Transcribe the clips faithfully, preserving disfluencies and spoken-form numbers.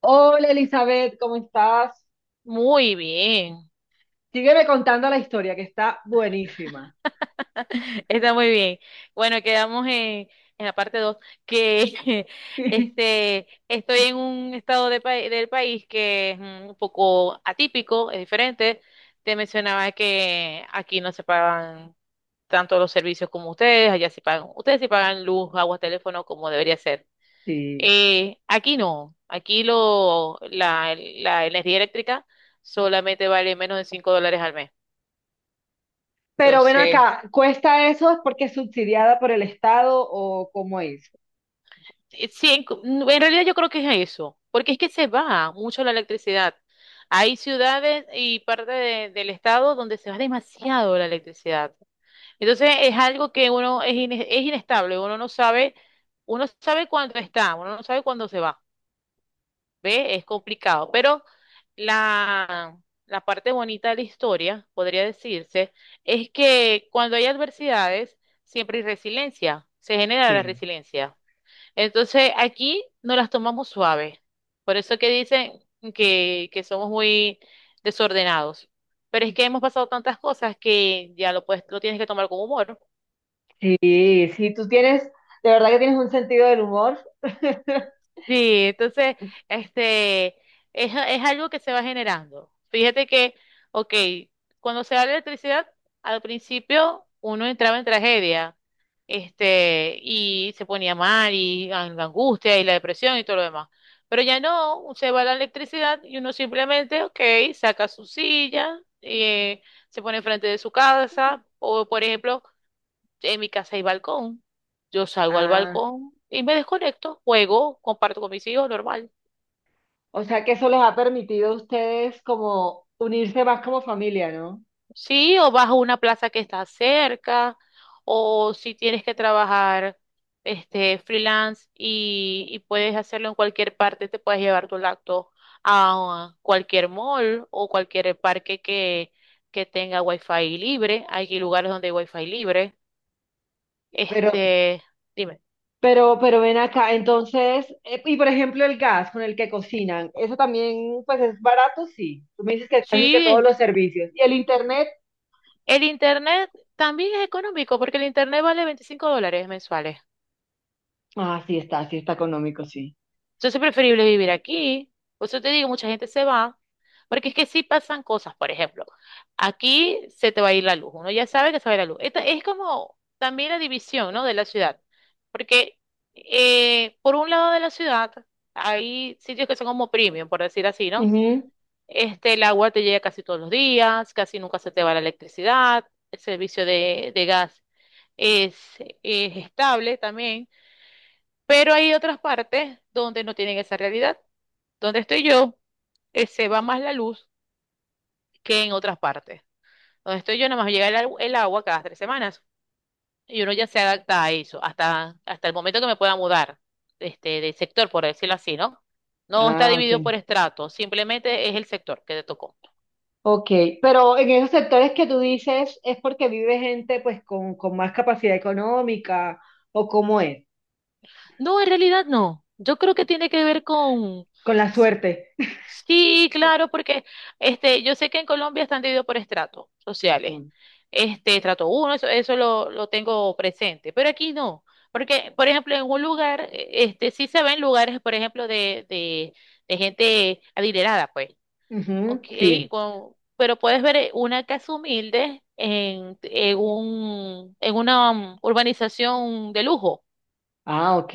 Hola Elizabeth, ¿cómo estás? Muy bien. Sígueme contando la historia que está buenísima. Está muy bien. Bueno, quedamos en, en la parte dos que este, estoy en un estado de pa- del país que es un poco atípico, es diferente. Te mencionaba que aquí no se pagan tanto los servicios como ustedes, allá se pagan, ustedes sí pagan luz, agua, teléfono como debería ser. Sí. Eh, aquí no, aquí lo, la, la energía eléctrica solamente vale menos de cinco dólares al mes. Pero ven Entonces, acá, ¿cuesta eso? ¿Es porque es subsidiada por el Estado o cómo es? Eh, sí, en, cu- en realidad yo creo que es eso, porque es que se va mucho la electricidad. Hay ciudades y parte de- del estado donde se va demasiado la electricidad. Entonces es algo que uno es, ine- es inestable, uno no sabe, uno sabe cuándo está, uno no sabe cuándo se va. ¿Ve? Es complicado, pero la, la parte bonita de la historia, podría decirse, es que cuando hay adversidades, siempre hay resiliencia, se genera la Sí. resiliencia. Entonces aquí no las tomamos suaves. Por eso que dicen que, que somos muy desordenados. Pero es que hemos pasado tantas cosas que ya lo, puedes, lo tienes que tomar con humor. Sí, sí, tú tienes, de verdad que tienes un sentido del humor. Sí, entonces, este, es, es algo que se va generando. Fíjate que, ok, cuando se da la electricidad, al principio uno entraba en tragedia, este, y se ponía mal, y an- la angustia, y la depresión, y todo lo demás. Pero ya no, se va la electricidad y uno simplemente, ok, saca su silla, eh, se pone enfrente de su casa, o por ejemplo, en mi casa hay balcón. Yo salgo al Ah, balcón y me desconecto, juego, comparto con mis hijos, normal. o sea que eso les ha permitido a ustedes como unirse más como familia, ¿no? Sí, o vas a una plaza que está cerca, o si tienes que trabajar este freelance y, y puedes hacerlo en cualquier parte, te puedes llevar tu laptop a cualquier mall o cualquier parque que, que tenga wifi libre. Hay lugares donde hay wifi libre. Pero Este, Dime. Pero, pero ven acá, entonces, eh, y por ejemplo el gas con el que cocinan, eso también pues es barato, sí. Tú me dices que casi que todos Sí, los servicios. ¿Y el internet? el internet también es económico porque el internet vale veinticinco dólares mensuales. Ah, sí está, sí está económico, sí. Entonces es preferible vivir aquí. Por eso te digo, mucha gente se va. Porque es que sí pasan cosas, por ejemplo, aquí se te va a ir la luz. Uno ya sabe que se va a ir la luz. Esta es como también la división, ¿no?, de la ciudad. Porque eh, por un lado de la ciudad hay sitios que son como premium, por decir así, ¿no? Ujú. Este, el agua te llega casi todos los días, casi nunca se te va la electricidad, el servicio de, de gas es, es estable también, pero hay otras partes donde no tienen esa realidad. Donde estoy yo, eh, se va más la luz que en otras partes. Donde estoy yo, nada más llega el, agu- el agua cada tres semanas y uno ya se adapta a eso, hasta, hasta el momento que me pueda mudar, este, de sector, por decirlo así, ¿no? No está Ah, ok. dividido por estrato, simplemente es el sector que te tocó. Ok, pero en esos sectores que tú dices, ¿es porque vive gente pues con, con más capacidad económica o cómo es? No, en realidad no. Yo creo que tiene que ver con, Con la suerte. sí, claro, porque este, yo sé que en Colombia están divididos por estratos sociales. Mm. Este, estrato uno, eso, eso lo, lo tengo presente, pero aquí no, porque, por ejemplo, en un lugar, eh, este, sí se ven lugares, por ejemplo, de, de, de gente adinerada, pues, ok, Ujú, sí. con- pero puedes ver eh, una casa humilde en, en un, en una um, urbanización de lujo. Ah, ok.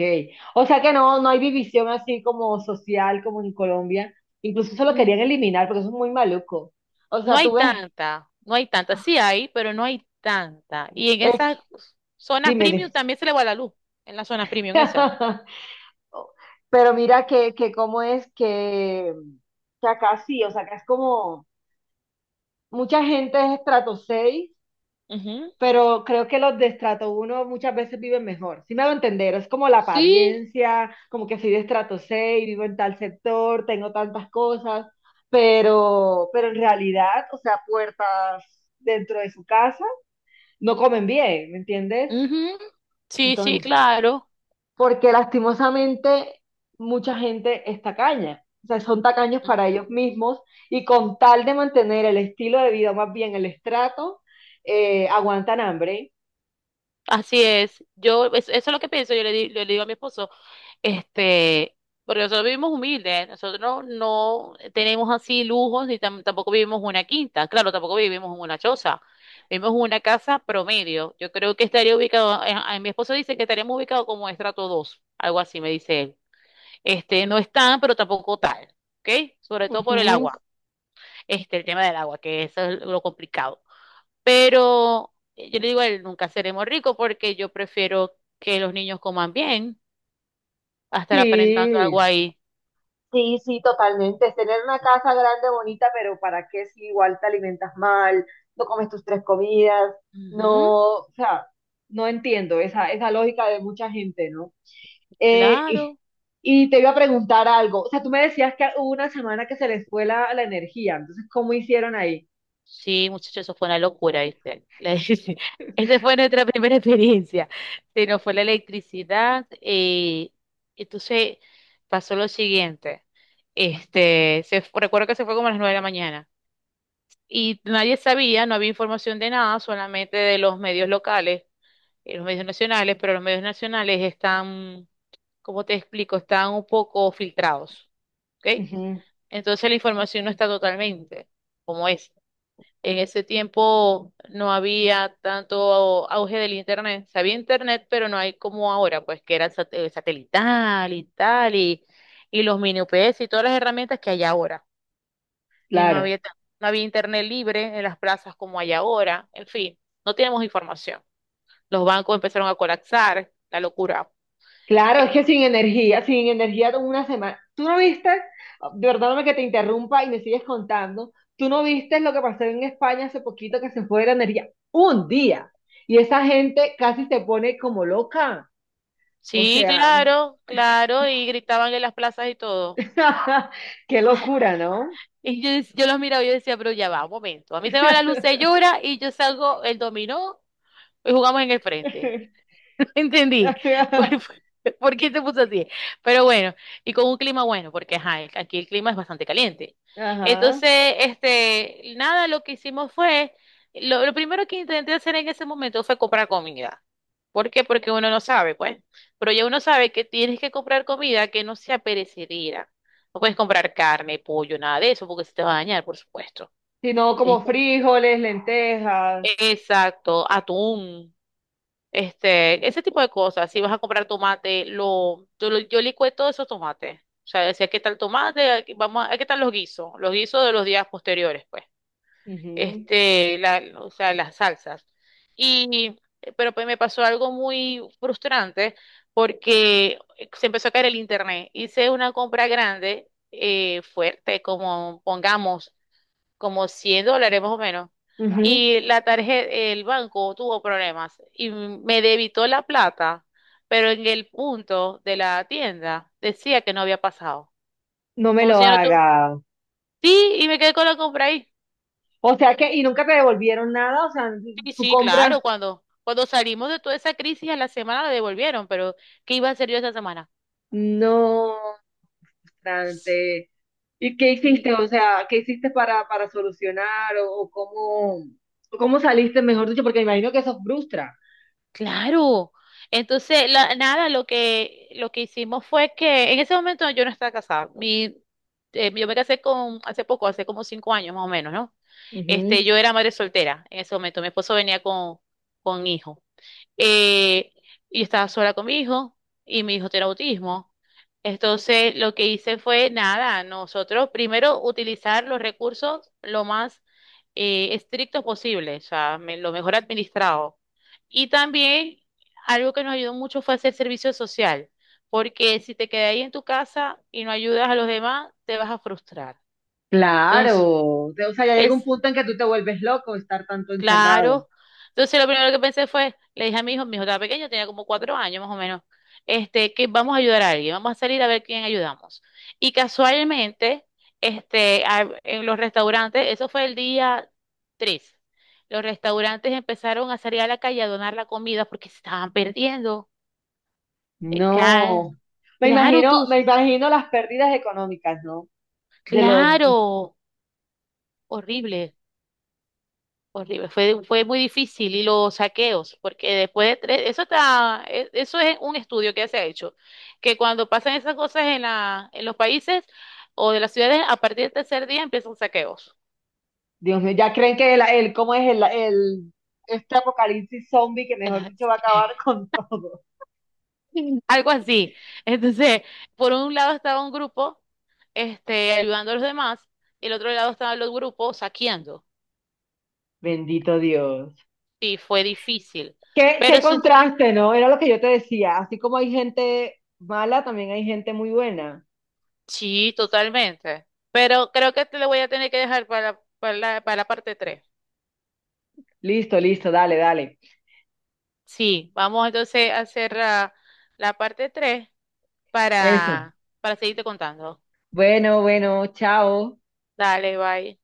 O sea que no, no hay división así como social, como en Colombia. Incluso eso lo querían eliminar porque eso es muy maluco. O No sea, hay tú ves, tanta, no hay tanta. Sí hay, pero no hay tanta. Y en esas es- zonas dime, premium dime. también se le va la luz, en las zonas premium esas. Pero mira que, que cómo es que, que acá sí, o sea, acá es como mucha gente es estrato seis, Ujú. pero creo que los de estrato uno muchas veces viven mejor. Si me hago entender, es como la Sí, apariencia, como que soy de estrato seis, vivo en tal sector, tengo tantas cosas, pero, pero en realidad, o sea, puertas dentro de su casa no comen bien, ¿me entiendes? ujú. Sí, sí, Entonces, claro. porque lastimosamente mucha gente es tacaña. O sea, son tacaños para Ujú. ellos mismos y con tal de mantener el estilo de vida, más bien el estrato, eh, aguantan hambre. Así es. Yo, es- eso es lo que pienso. Yo le, di- le digo a mi esposo. Este, Porque nosotros vivimos humildes, nosotros no no tenemos así lujos y tam- tampoco vivimos una quinta, claro, tampoco vivimos en una choza, vivimos en una casa promedio. Yo creo que estaría ubicado, eh, eh, mi esposo dice que estaríamos ubicados como estrato dos, algo así me dice él. Este, no es tan, pero tampoco tal, ¿ok? Sobre todo por el Ujú. agua, este, el tema del agua, que eso es lo complicado. Pero eh, yo le digo a él, nunca seremos ricos porque yo prefiero que los niños coman bien, a estar aparentando algo Sí, ahí. sí, sí, totalmente. Es tener una casa grande, bonita, pero ¿para qué si igual te alimentas mal, no comes tus tres comidas? Ujú, No, o sea, no entiendo esa, esa lógica de mucha gente, ¿no? Eh, y, claro, y te iba a preguntar algo. O sea, tú me decías que hubo una semana que se les fue la, la energía, entonces, ¿cómo hicieron ahí? sí, muchachos, eso fue una locura, ¿viste? La- Esta fue nuestra primera experiencia. Se nos fue la electricidad, eh, entonces pasó lo siguiente. Este, se, fu- recuerdo que se fue como a las nueve de la mañana y nadie sabía, no había información de nada, solamente de los medios locales, eh, los medios nacionales, pero los medios nacionales están, ¿cómo te explico? Están un poco filtrados, ¿ok? Ujú, Entonces la información no está totalmente como es. En ese tiempo no había tanto auge del internet. Se había internet, pero no hay como ahora, pues que era el sat- el satelital y tal, y, y los mini U P S y todas las herramientas que hay ahora. Y no claro. había, tan- no había internet libre en las plazas como hay ahora. En fin, no tenemos información. Los bancos empezaron a colapsar, la locura. Claro, es que sin energía, sin energía de una semana. Tú no viste, perdóname que te interrumpa y me sigues contando, tú no viste lo que pasó en España hace poquito que se fue la energía un día y esa gente casi se pone como loca. O Sí, sea, claro, claro, y gritaban en las plazas y todo. qué locura, ¿no? Y yo, dec- yo los miraba y yo decía, pero ya va, un momento. A mí se me va la luz, se llora y yo salgo el dominó. Hoy jugamos en el frente. No entendí. ¿Por, por por qué se puso así? Pero bueno, y con un clima bueno, porque ajá, el- aquí el clima es bastante caliente. Ajá. Entonces, este, nada, lo que hicimos fue, lo, lo primero que intenté hacer en ese momento fue comprar comida. ¿Por qué? Porque uno no sabe, pues. Pero ya uno sabe que tienes que comprar comida que no sea perecedera. No puedes comprar carne, pollo, nada de eso, porque se te va a dañar, por supuesto. Sino como Ex- frijoles, lentejas. Exacto, atún. Este, ese tipo de cosas. Si vas a comprar tomate, lo, yo, lo- yo licué todos esos tomates. O sea, decía, ¿qué tal tomate? Aquí- Vamos a, ¿qué tal los guisos? Los guisos de los días posteriores, pues. Este, la, o sea, las salsas. Y, pero pues me pasó algo muy frustrante porque se empezó a caer el internet. Hice una compra grande, eh, fuerte, como pongamos como cien dólares más o menos. Ujú, ujú. Y la tarjeta, el banco tuvo problemas y me debitó la plata, pero en el punto de la tienda decía que no había pasado. No me Como lo si yo no tu- haga. Sí, y me quedé con la compra ahí. O sea que, y nunca te devolvieron nada, o sea, Sí, tu sí, claro, compra. cuando, cuando salimos de toda esa crisis a la semana la devolvieron, pero ¿qué iba a hacer yo esa semana? No, frustrante. ¿Y qué Sí, hiciste? O sea, ¿qué hiciste para, para solucionar o, o cómo, o cómo saliste, mejor dicho? Porque me imagino que eso frustra. claro. Entonces, la- nada, lo que, lo que hicimos fue que en ese momento yo no estaba casada. Mi, eh, yo me casé con, hace poco, hace como cinco años más o menos, ¿no? Ujú. Este, yo era madre soltera en ese momento. Mi esposo venía con, con hijo, eh, y estaba sola con mi hijo y mi hijo tiene autismo. Entonces, lo que hice fue nada, nosotros primero utilizar los recursos lo más eh, estrictos posible, o sea, me- lo mejor administrado. Y también algo que nos ayudó mucho fue hacer servicio social, porque si te quedas ahí en tu casa y no ayudas a los demás, te vas a frustrar. Claro. Entonces, O sea, ya el llega un punto en que tú te vuelves loco estar tanto encerrado. claro. Entonces lo primero que pensé fue, le dije a mi hijo, mi hijo estaba pequeño, tenía como cuatro años más o menos, este, que vamos a ayudar a alguien, vamos a salir a ver quién ayudamos. Y casualmente, este, a- en los restaurantes, eso fue el día tres, los restaurantes empezaron a salir a la calle a donar la comida porque se estaban perdiendo. Eh, ca- No. Me Claro, imagino, tú, me imagino las pérdidas económicas, ¿no? De los, claro, horrible. Horrible, fue, fue muy difícil y los saqueos, porque después de tres, eso está, e- eso es un estudio que se ha hecho, que cuando pasan esas cosas en la, en los países o de las ciudades, a partir del tercer día empiezan saqueos. Dios mío, ya creen que el, el- cómo es el, el, este apocalipsis zombie que mejor dicho va a acabar con todo. Algo así. Entonces, por un lado estaba un grupo, este, ayudando a los demás, y el otro lado estaban los grupos saqueando. Bendito Dios. Y fue difícil. Qué, qué Pero sí, contraste, ¿no? Era lo que yo te decía. Así como hay gente mala, también hay gente muy buena. sí, totalmente. Pero creo que te lo voy a tener que dejar para, para la, para la parte tres. Listo, listo, dale, dale. Sí, vamos entonces a hacer ah, la, parte tres Eso. para, para seguirte contando. Bueno, bueno, chao. Dale, bye.